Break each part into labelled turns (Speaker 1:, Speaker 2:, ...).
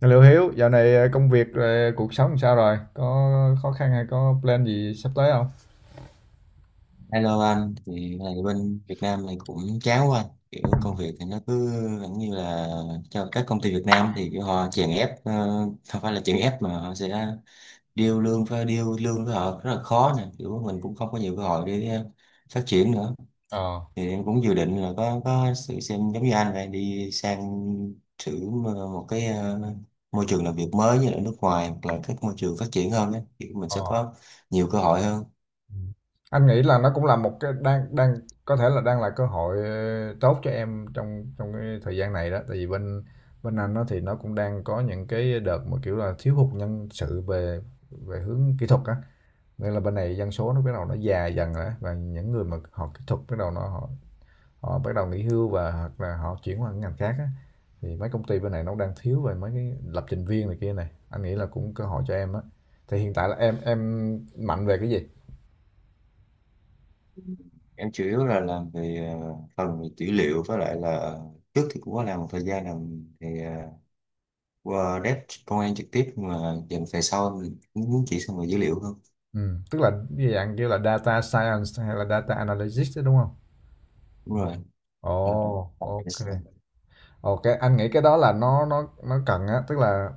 Speaker 1: Liệu Hiếu, dạo này công việc, cuộc sống làm sao rồi? Có khó khăn hay có plan gì sắp tới không?
Speaker 2: Hello anh, thì này bên Việt Nam này cũng chán quá anh. Kiểu công việc thì nó cứ vẫn như là cho các công ty Việt Nam thì kiểu họ chèn ép, không phải là chèn ép mà họ sẽ deal lương với họ rất là khó nè. Kiểu mình cũng không có nhiều cơ hội để phát triển nữa.
Speaker 1: Ờ,
Speaker 2: Thì em cũng dự định là có sự xem giống như anh này đi sang thử một cái môi trường làm việc mới như là nước ngoài hoặc là các môi trường phát triển hơn đấy. Kiểu mình
Speaker 1: ờ.
Speaker 2: sẽ có nhiều cơ hội hơn.
Speaker 1: Ừ. Anh nghĩ là nó cũng là một cái đang đang có thể là đang là cơ hội tốt cho em trong trong cái thời gian này đó. Tại vì bên bên anh nó thì nó cũng đang có những cái đợt mà kiểu là thiếu hụt nhân sự về về hướng kỹ thuật á. Nên là bên này dân số nó bắt đầu nó già dần rồi á, và những người mà họ kỹ thuật bắt đầu nó họ Họ bắt đầu nghỉ hưu và hoặc là họ chuyển qua ngành khác á, thì mấy công ty bên này nó đang thiếu về mấy cái lập trình viên này kia này. Anh nghĩ là cũng cơ hội cho em á. Thì hiện tại là em mạnh về cái gì?
Speaker 2: Em chủ yếu là làm về phần về dữ liệu với lại là trước thì cũng có làm một thời gian làm về qua dev công an trực tiếp nhưng mà dần về sau mình cũng muốn chỉ sang về dữ liệu hơn.
Speaker 1: Ừ, tức là cái dạng kiểu là data science hay là data analytics đó đúng không?
Speaker 2: Đúng rồi. Ờ,
Speaker 1: Ồ, ok.
Speaker 2: yes.
Speaker 1: Ok, anh nghĩ cái đó là nó cần á, tức là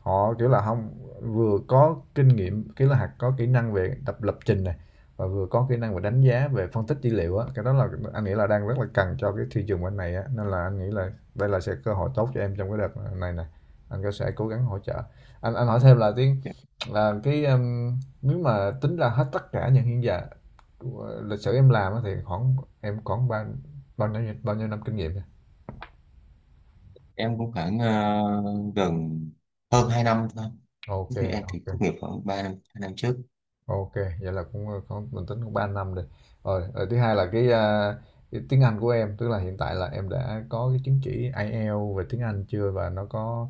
Speaker 1: họ kiểu là không vừa có kinh nghiệm, kiểu là, hạt có kỹ năng về tập lập trình này, và vừa có kỹ năng về đánh giá, về phân tích dữ liệu á. Cái đó là anh nghĩ là đang rất là cần cho cái thị trường bên này á, nên là anh nghĩ là đây là sẽ cơ hội tốt cho em trong cái đợt này này anh có sẽ cố gắng hỗ trợ. Anh hỏi thêm là cái, nếu mà tính ra hết tất cả những hiện giờ của lịch sử em làm á thì khoảng em khoảng bao bao nhiêu năm kinh nghiệm nhỉ?
Speaker 2: Em cũng khoảng gần hơn 2 năm thôi.
Speaker 1: Ok,
Speaker 2: Thế thì em thì
Speaker 1: ok.
Speaker 2: tốt nghiệp khoảng 3 năm 2 năm trước.
Speaker 1: OK, vậy là cũng, có mình tính cũng 3 năm rồi. Rồi, rồi thứ hai là cái, cái tiếng Anh của em, tức là hiện tại là em đã có cái chứng chỉ IELTS về tiếng Anh chưa và nó có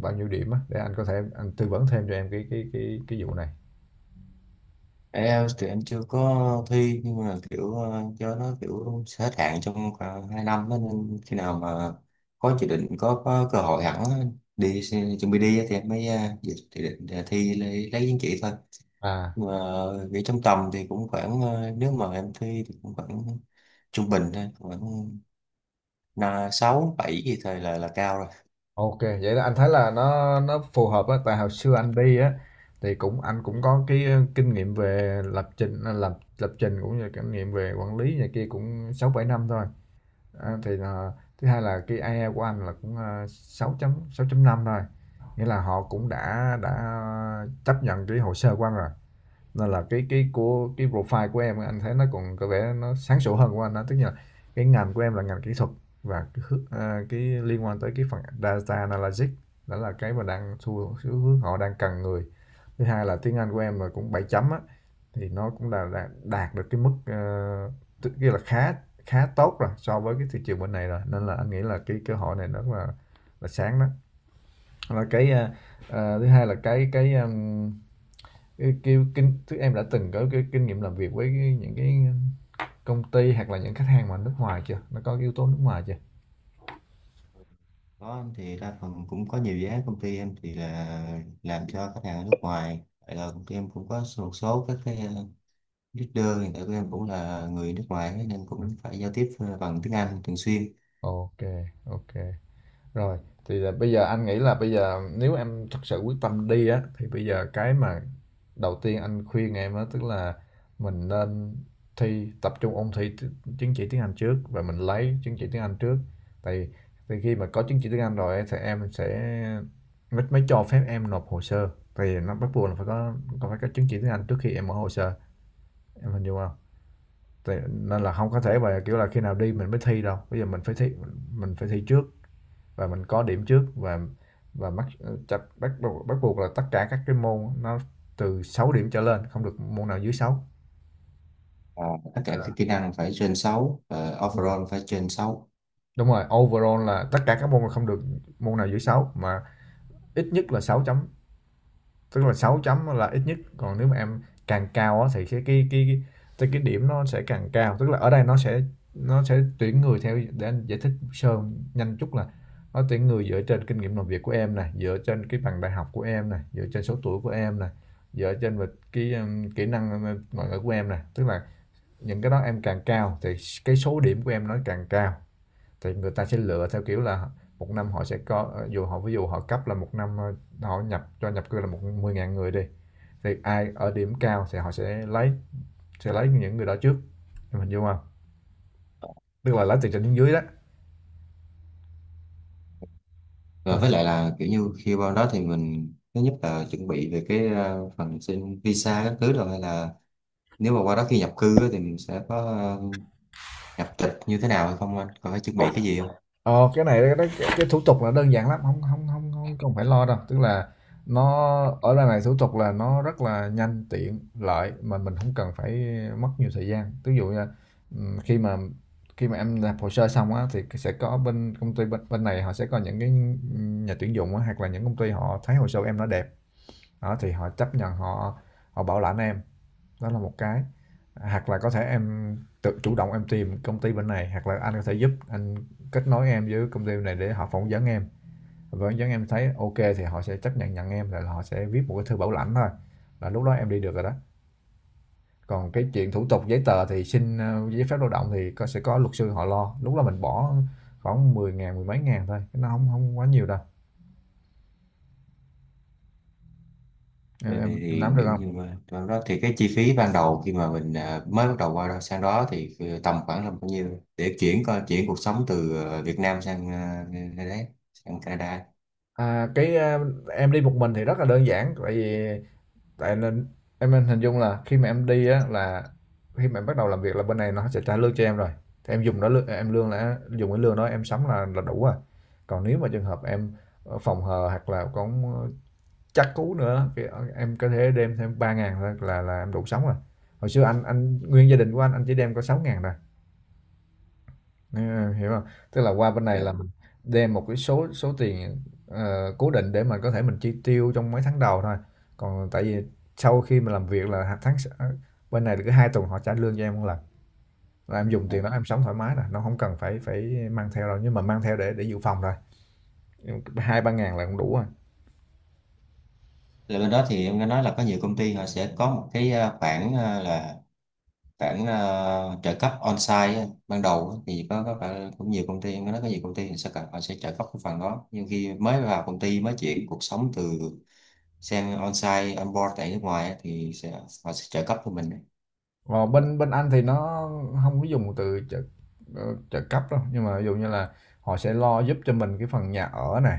Speaker 1: bao nhiêu điểm á, để anh có thể tư vấn thêm cho em cái vụ này.
Speaker 2: IELTS thì anh chưa có thi nhưng mà kiểu cho nó kiểu sẽ hết hạn trong khoảng 2 năm đó, nên khi nào mà có dự định có cơ hội hẳn á, chuẩn bị đi á thì em mới dự dự định là lấy chứng chỉ thôi,
Speaker 1: À,
Speaker 2: nhưng mà nghĩ trong tầm thì cũng khoảng nếu mà em thi thì cũng khoảng trung bình thôi, khoảng là sáu bảy gì thôi là cao rồi.
Speaker 1: OK, vậy là anh thấy là nó phù hợp á, tại hồi xưa anh đi á thì cũng anh cũng có cái, kinh nghiệm về lập trình, à, lập lập trình cũng như kinh nghiệm về quản lý này kia cũng 6 7 năm thôi. Đó, thì là thứ hai là cái IELTS của anh là cũng 6 chấm năm 5 thôi. Nghĩa là họ cũng đã chấp nhận cái hồ sơ của anh rồi. Nên là cái của cái profile của em anh thấy nó còn có vẻ nó sáng sủa hơn của anh đó, tức là cái ngành của em là ngành kỹ thuật và cái, cái liên quan tới cái phần data analytics đó là cái mà đang xu hướng họ đang cần người. Thứ hai là tiếng Anh của em là cũng 7,0 á thì nó cũng là đạt được cái mức kia là khá khá tốt rồi so với cái thị trường bên này rồi nên là anh nghĩ là cái cơ hội này nó là sáng đó, là cái thứ hai là cái, thứ em đã từng có cái kinh nghiệm làm việc với cái, những cái công ty hoặc là những khách hàng mà nước ngoài chưa, nó có cái yếu tố nước ngoài chưa?
Speaker 2: Có anh, thì đa phần cũng có nhiều dự án công ty em thì là làm cho khách hàng ở nước ngoài. Vậy là công ty em cũng có một số các cái leader hiện tại của em cũng là người nước ngoài ấy, nên cũng phải giao tiếp bằng tiếng Anh thường xuyên.
Speaker 1: Ok, ok. Rồi, thì là bây giờ anh nghĩ là bây giờ nếu em thật sự quyết tâm đi á thì bây giờ cái mà đầu tiên anh khuyên em á tức là mình nên tập trung ôn thi chứng chỉ tiếng Anh trước và mình lấy chứng chỉ tiếng Anh trước. Tại thì khi mà có chứng chỉ tiếng Anh rồi ấy, thì em sẽ mới cho phép em nộp hồ sơ. Thì nó bắt buộc là phải có còn phải có chứng chỉ tiếng Anh trước khi em mở hồ sơ. Em hình dung không? Thì, nên là không có thể mà kiểu là khi nào đi mình mới thi đâu. Bây giờ mình phải thi, trước và mình có điểm trước, và mắc chặt bắt buộc là tất cả các cái môn nó từ 6 điểm trở lên, không được môn nào dưới sáu.
Speaker 2: À, tất cả các kỹ năng phải trên 6, và
Speaker 1: Đúng rồi.
Speaker 2: overall phải trên sáu.
Speaker 1: Overall là tất cả các môn là không được môn nào dưới 6 mà ít nhất là 6,5. Tức là 6,0 là ít nhất, còn nếu mà em càng cao thì cái điểm nó sẽ càng cao. Tức là ở đây nó sẽ tuyển người theo, để anh giải thích sơ nhanh chút là nó tuyển người dựa trên kinh nghiệm làm việc của em này, dựa trên cái bằng đại học của em này, dựa trên số tuổi của em này, dựa trên về cái kỹ năng ngoại ngữ của em này. Tức là những cái đó em càng cao thì cái số điểm của em nó càng cao. Thì người ta sẽ lựa theo kiểu là một năm họ sẽ có, dù họ ví dụ họ cấp là một năm họ nhập cư là 10.000 người đi thì ai ở điểm cao thì họ sẽ lấy, những người đó trước, em hình dung không, tức là lấy từ trên xuống dưới đó, em
Speaker 2: Và
Speaker 1: hình
Speaker 2: với
Speaker 1: dung
Speaker 2: lại
Speaker 1: không?
Speaker 2: là kiểu như khi vào đó thì mình thứ nhất là chuẩn bị về cái phần xin visa các thứ rồi, hay là nếu mà qua đó khi nhập cư á, thì mình sẽ có nhập tịch như thế nào hay không, anh còn phải chuẩn bị cái gì không?
Speaker 1: Ờ cái này cái thủ tục là đơn giản lắm, không không không không không phải lo đâu, tức là nó ở đây này thủ tục là nó rất là nhanh tiện lợi mà mình không cần phải mất nhiều thời gian, ví dụ như khi mà em làm hồ sơ xong á thì sẽ có bên công ty bên này họ sẽ có những cái nhà tuyển dụng á, hoặc là những công ty họ thấy hồ sơ em nó đẹp đó thì họ chấp nhận, họ họ bảo lãnh em. Đó là một cái, hoặc là có thể em tự chủ động tìm công ty bên này, hoặc là anh có thể giúp kết nối em với công ty bên này để họ phỏng vấn em. Phỏng vấn em thấy OK thì họ sẽ chấp nhận nhận em, rồi họ sẽ viết một cái thư bảo lãnh thôi. Là lúc đó em đi được rồi đó. Còn cái chuyện thủ tục giấy tờ thì xin giấy phép lao động thì sẽ có luật sư họ lo. Lúc đó mình bỏ khoảng 10.000, mười mấy ngàn thôi, nó không không quá nhiều đâu. Em,
Speaker 2: Vậy
Speaker 1: em, em
Speaker 2: thì
Speaker 1: nắm được
Speaker 2: kiểu như
Speaker 1: không?
Speaker 2: mà trong đó thì cái chi phí ban đầu khi mà mình mới bắt đầu qua đó sang đó thì tầm khoảng là bao nhiêu để chuyển coi chuyển cuộc sống từ Việt Nam sang nơi đấy, sang Canada.
Speaker 1: À, em đi một mình thì rất là đơn giản, tại nên em nên hình dung là khi mà em đi á là khi mà em bắt đầu làm việc là bên này nó sẽ trả lương cho em rồi, thì dùng cái lương đó em sắm là đủ rồi, còn nếu mà trường hợp em phòng hờ hoặc là còn chắc cú nữa thì em có thể đem thêm 3.000 là em đủ sống rồi. Hồi xưa anh nguyên gia đình của anh chỉ đem có 6.000 thôi. Ừ, em hiểu không? Tức là qua bên này là
Speaker 2: Dạ.
Speaker 1: mình đem một cái số số tiền cố định để mà có thể mình chi tiêu trong mấy tháng đầu thôi. Còn tại vì sau khi mà làm việc là hạt tháng bên này là cứ 2 tuần họ trả lương cho em một lần, là em dùng tiền
Speaker 2: À.
Speaker 1: đó em sống thoải mái rồi, nó không cần phải phải mang theo đâu, nhưng mà mang theo để dự phòng rồi. Hai ba ngàn là cũng đủ rồi.
Speaker 2: Là bên đó thì em nghe nói là có nhiều công ty họ sẽ có một cái khoản à, là khoản à, trợ cấp on-site á, ban đầu á, thì có phải cũng nhiều công ty em nghe nói có nhiều công ty thì sẽ cần họ sẽ trợ cấp cái phần đó nhưng khi mới vào công ty mới chuyển cuộc sống từ sang on-site on-board tại nước ngoài á, thì sẽ họ sẽ trợ cấp cho mình đấy.
Speaker 1: Còn bên bên anh thì nó không có dùng từ ờ, trợ cấp đâu, nhưng mà ví dụ như là họ sẽ lo giúp cho mình cái phần nhà ở này,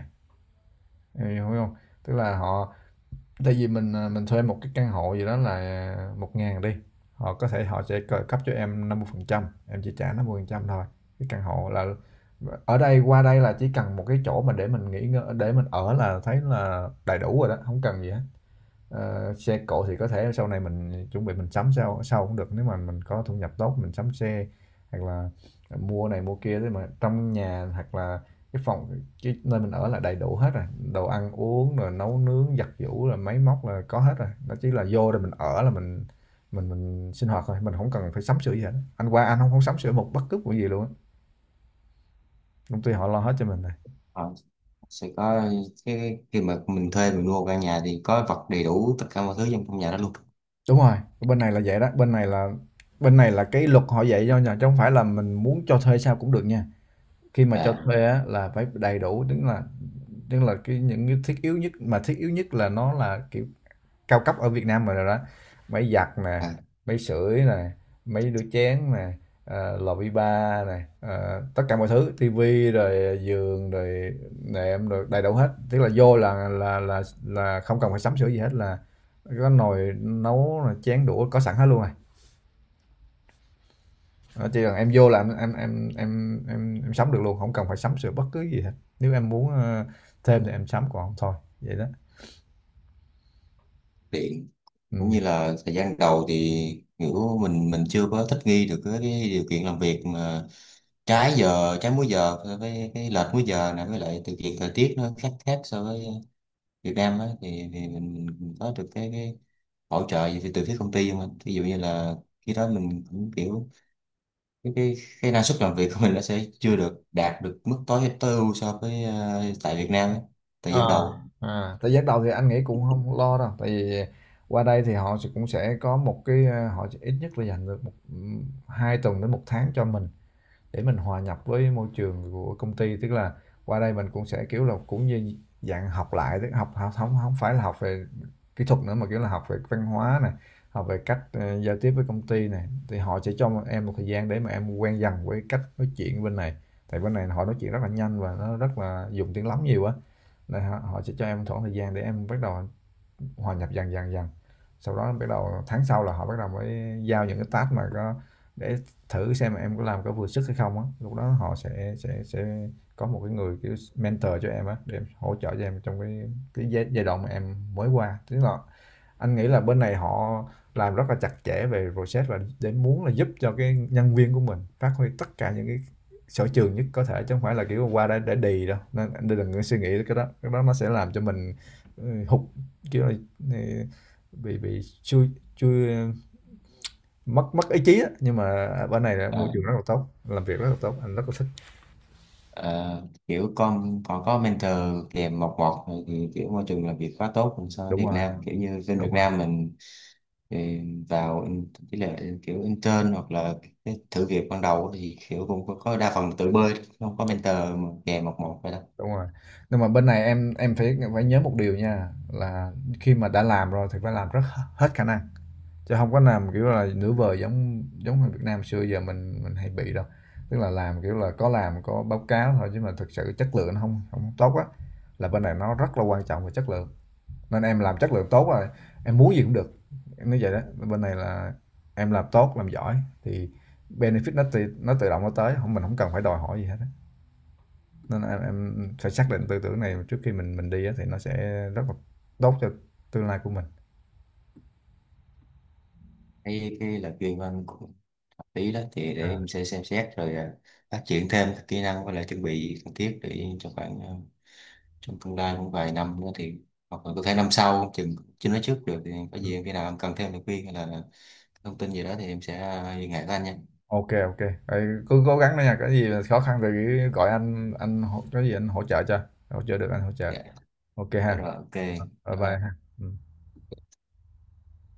Speaker 1: em hiểu không? Tức là họ, tại vì mình à, mình thuê một cái căn hộ gì đó là 1.000 đi, họ có thể họ sẽ cấp cho em 50%, em chỉ trả 50% phần trăm thôi. Cái căn hộ là, ở đây qua đây là chỉ cần một cái chỗ mà để mình nghỉ ngơi để mình ở là thấy là đầy đủ rồi đó, không cần gì hết. Xe cộ thì có thể sau này mình chuẩn bị mình sắm sau sau cũng được, nếu mà mình có thu nhập tốt mình sắm xe, hoặc là mua này mua kia thế mà trong nhà, hoặc là cái phòng, cái nơi mình ở là đầy đủ hết rồi. Đồ ăn uống rồi nấu nướng giặt giũ rồi máy móc là có hết rồi, nó chỉ là vô rồi mình ở là mình sinh hoạt thôi, mình không cần phải sắm sửa gì hết. Anh qua anh không không sắm sửa một bất cứ một gì luôn á, công ty họ lo hết cho mình này.
Speaker 2: Họ sẽ có cái khi mà mình thuê mình mua căn nhà thì có vật đầy đủ tất cả mọi thứ trong trong nhà đó luôn.
Speaker 1: Đúng rồi, bên này là vậy đó. Bên này là cái luật họ dạy cho nhà, chứ không phải là mình muốn cho thuê sao cũng được nha. Khi mà cho
Speaker 2: À.
Speaker 1: thuê á, là phải đầy đủ, tức là cái những cái thiết yếu nhất, mà thiết yếu nhất là nó là kiểu cao cấp ở Việt Nam rồi đó. Máy giặt nè,
Speaker 2: À,
Speaker 1: máy sưởi nè, máy đũa chén nè, lò vi ba nè, tất cả mọi thứ, tivi rồi, giường rồi, nệm rồi, đầy đủ hết, tức là vô là không cần phải sắm sửa gì hết, là có nồi nấu chén đũa có sẵn hết luôn à. Đó, chỉ cần em vô là em sắm được luôn, không cần phải sắm sửa bất cứ gì hết. Nếu em muốn thêm thì em sắm, còn không thôi, vậy đó.
Speaker 2: điện cũng như
Speaker 1: Ừ.
Speaker 2: là thời gian đầu thì kiểu mình chưa có thích nghi được cái điều kiện làm việc mà trái múi giờ với cái lệch múi giờ này, với lại điều kiện thời tiết nó khác khác so với Việt Nam á, thì mình có được cái hỗ trợ gì từ từ phía công ty không anh? Ví dụ như là khi đó mình cũng kiểu cái cái, cái năng suất làm việc của mình nó sẽ chưa được đạt được mức tối tối ưu so với tại Việt Nam á, thời
Speaker 1: Ờ,
Speaker 2: gian đầu.
Speaker 1: Thời gian đầu thì anh nghĩ cũng không lo đâu, tại vì qua đây thì cũng sẽ có một cái, họ sẽ ít nhất là dành được 2 tuần đến một tháng cho mình, để mình hòa nhập với môi trường của công ty. Tức là qua đây mình cũng sẽ kiểu là cũng như dạng học lại, tức học học không không phải là học về kỹ thuật nữa, mà kiểu là học về văn hóa này, học về cách giao tiếp với công ty này. Thì họ sẽ cho em một thời gian để mà em quen dần với cách nói chuyện bên này, tại bên này họ nói chuyện rất là nhanh và nó rất là dùng tiếng lóng nhiều á, nên họ họ sẽ cho em một khoảng thời gian để em bắt đầu hòa nhập dần dần dần. Sau đó bắt đầu tháng sau là họ bắt đầu mới giao những cái task mà có, để thử xem em có làm có vừa sức hay không á, lúc đó họ sẽ có một cái người kiểu mentor cho em á, để em hỗ trợ cho em trong cái giai đoạn mà em mới qua. Tức là anh nghĩ là bên này họ làm rất là chặt chẽ về process, và để muốn là giúp cho cái nhân viên của mình phát huy tất cả những cái sở trường nhất có thể, chứ không phải là kiểu qua đây để đì đâu. Nên anh đừng có suy nghĩ cái đó, nó sẽ làm cho mình hụt, kiểu là, ừ, bị chui chui mất mất ý chí á, nhưng mà bên này là môi
Speaker 2: Ờ,
Speaker 1: trường rất là tốt, làm việc rất là tốt, anh rất là thích.
Speaker 2: ờ, Kiểu con còn có mentor kèm một một thì kiểu môi trường làm việc quá tốt hơn so với
Speaker 1: Đúng
Speaker 2: Việt
Speaker 1: rồi,
Speaker 2: Nam, kiểu như bên
Speaker 1: đúng
Speaker 2: Việt
Speaker 1: rồi.
Speaker 2: Nam mình. Thì chỉ là kiểu intern hoặc là cái thử việc ban đầu thì kiểu cũng có đa phần tự bơi, không có
Speaker 1: Đúng.
Speaker 2: mentor mà kèm một một vậy đó.
Speaker 1: Đúng rồi. Nhưng mà bên này em phải phải nhớ một điều nha, là khi mà đã làm rồi thì phải làm rất hết khả năng. Chứ không có làm, kiểu là, nửa vời, giống giống người Việt Nam xưa giờ mình hay bị đâu. Tức là làm, kiểu là, có làm có báo cáo thôi, chứ mà thực sự chất lượng nó không tốt á, là bên này nó rất là quan trọng về chất lượng. Nên em làm chất lượng tốt rồi, em muốn gì cũng được, em nói vậy đó. Bên này là em làm tốt, làm giỏi thì benefit nó tự động nó tới, không, mình không cần phải đòi hỏi gì hết á. Nên em phải xác định tư tưởng này trước khi mình đi á, thì nó sẽ rất là tốt cho tương lai của mình.
Speaker 2: Cái là chuyên môn của hợp lý đó thì để em sẽ xem xét rồi phát triển thêm các kỹ năng với lại chuẩn bị cần thiết để cho khoảng trong tương lai cũng vài năm nữa thì hoặc là có thể năm sau chừng chưa nói trước được, thì có gì em khi nào em cần thêm lời khuyên hay là thông tin gì đó thì em sẽ liên hệ với anh nha.
Speaker 1: OK, ok. Vậy, cứ cố gắng đó nha, có gì khó khăn thì cứ gọi anh, có gì anh hỗ trợ cho, hỗ trợ được anh hỗ trợ.
Speaker 2: Dạ.
Speaker 1: OK
Speaker 2: Dạ
Speaker 1: ha,
Speaker 2: rồi, ok.
Speaker 1: bye bye
Speaker 2: Ờ,
Speaker 1: ha. Ừ.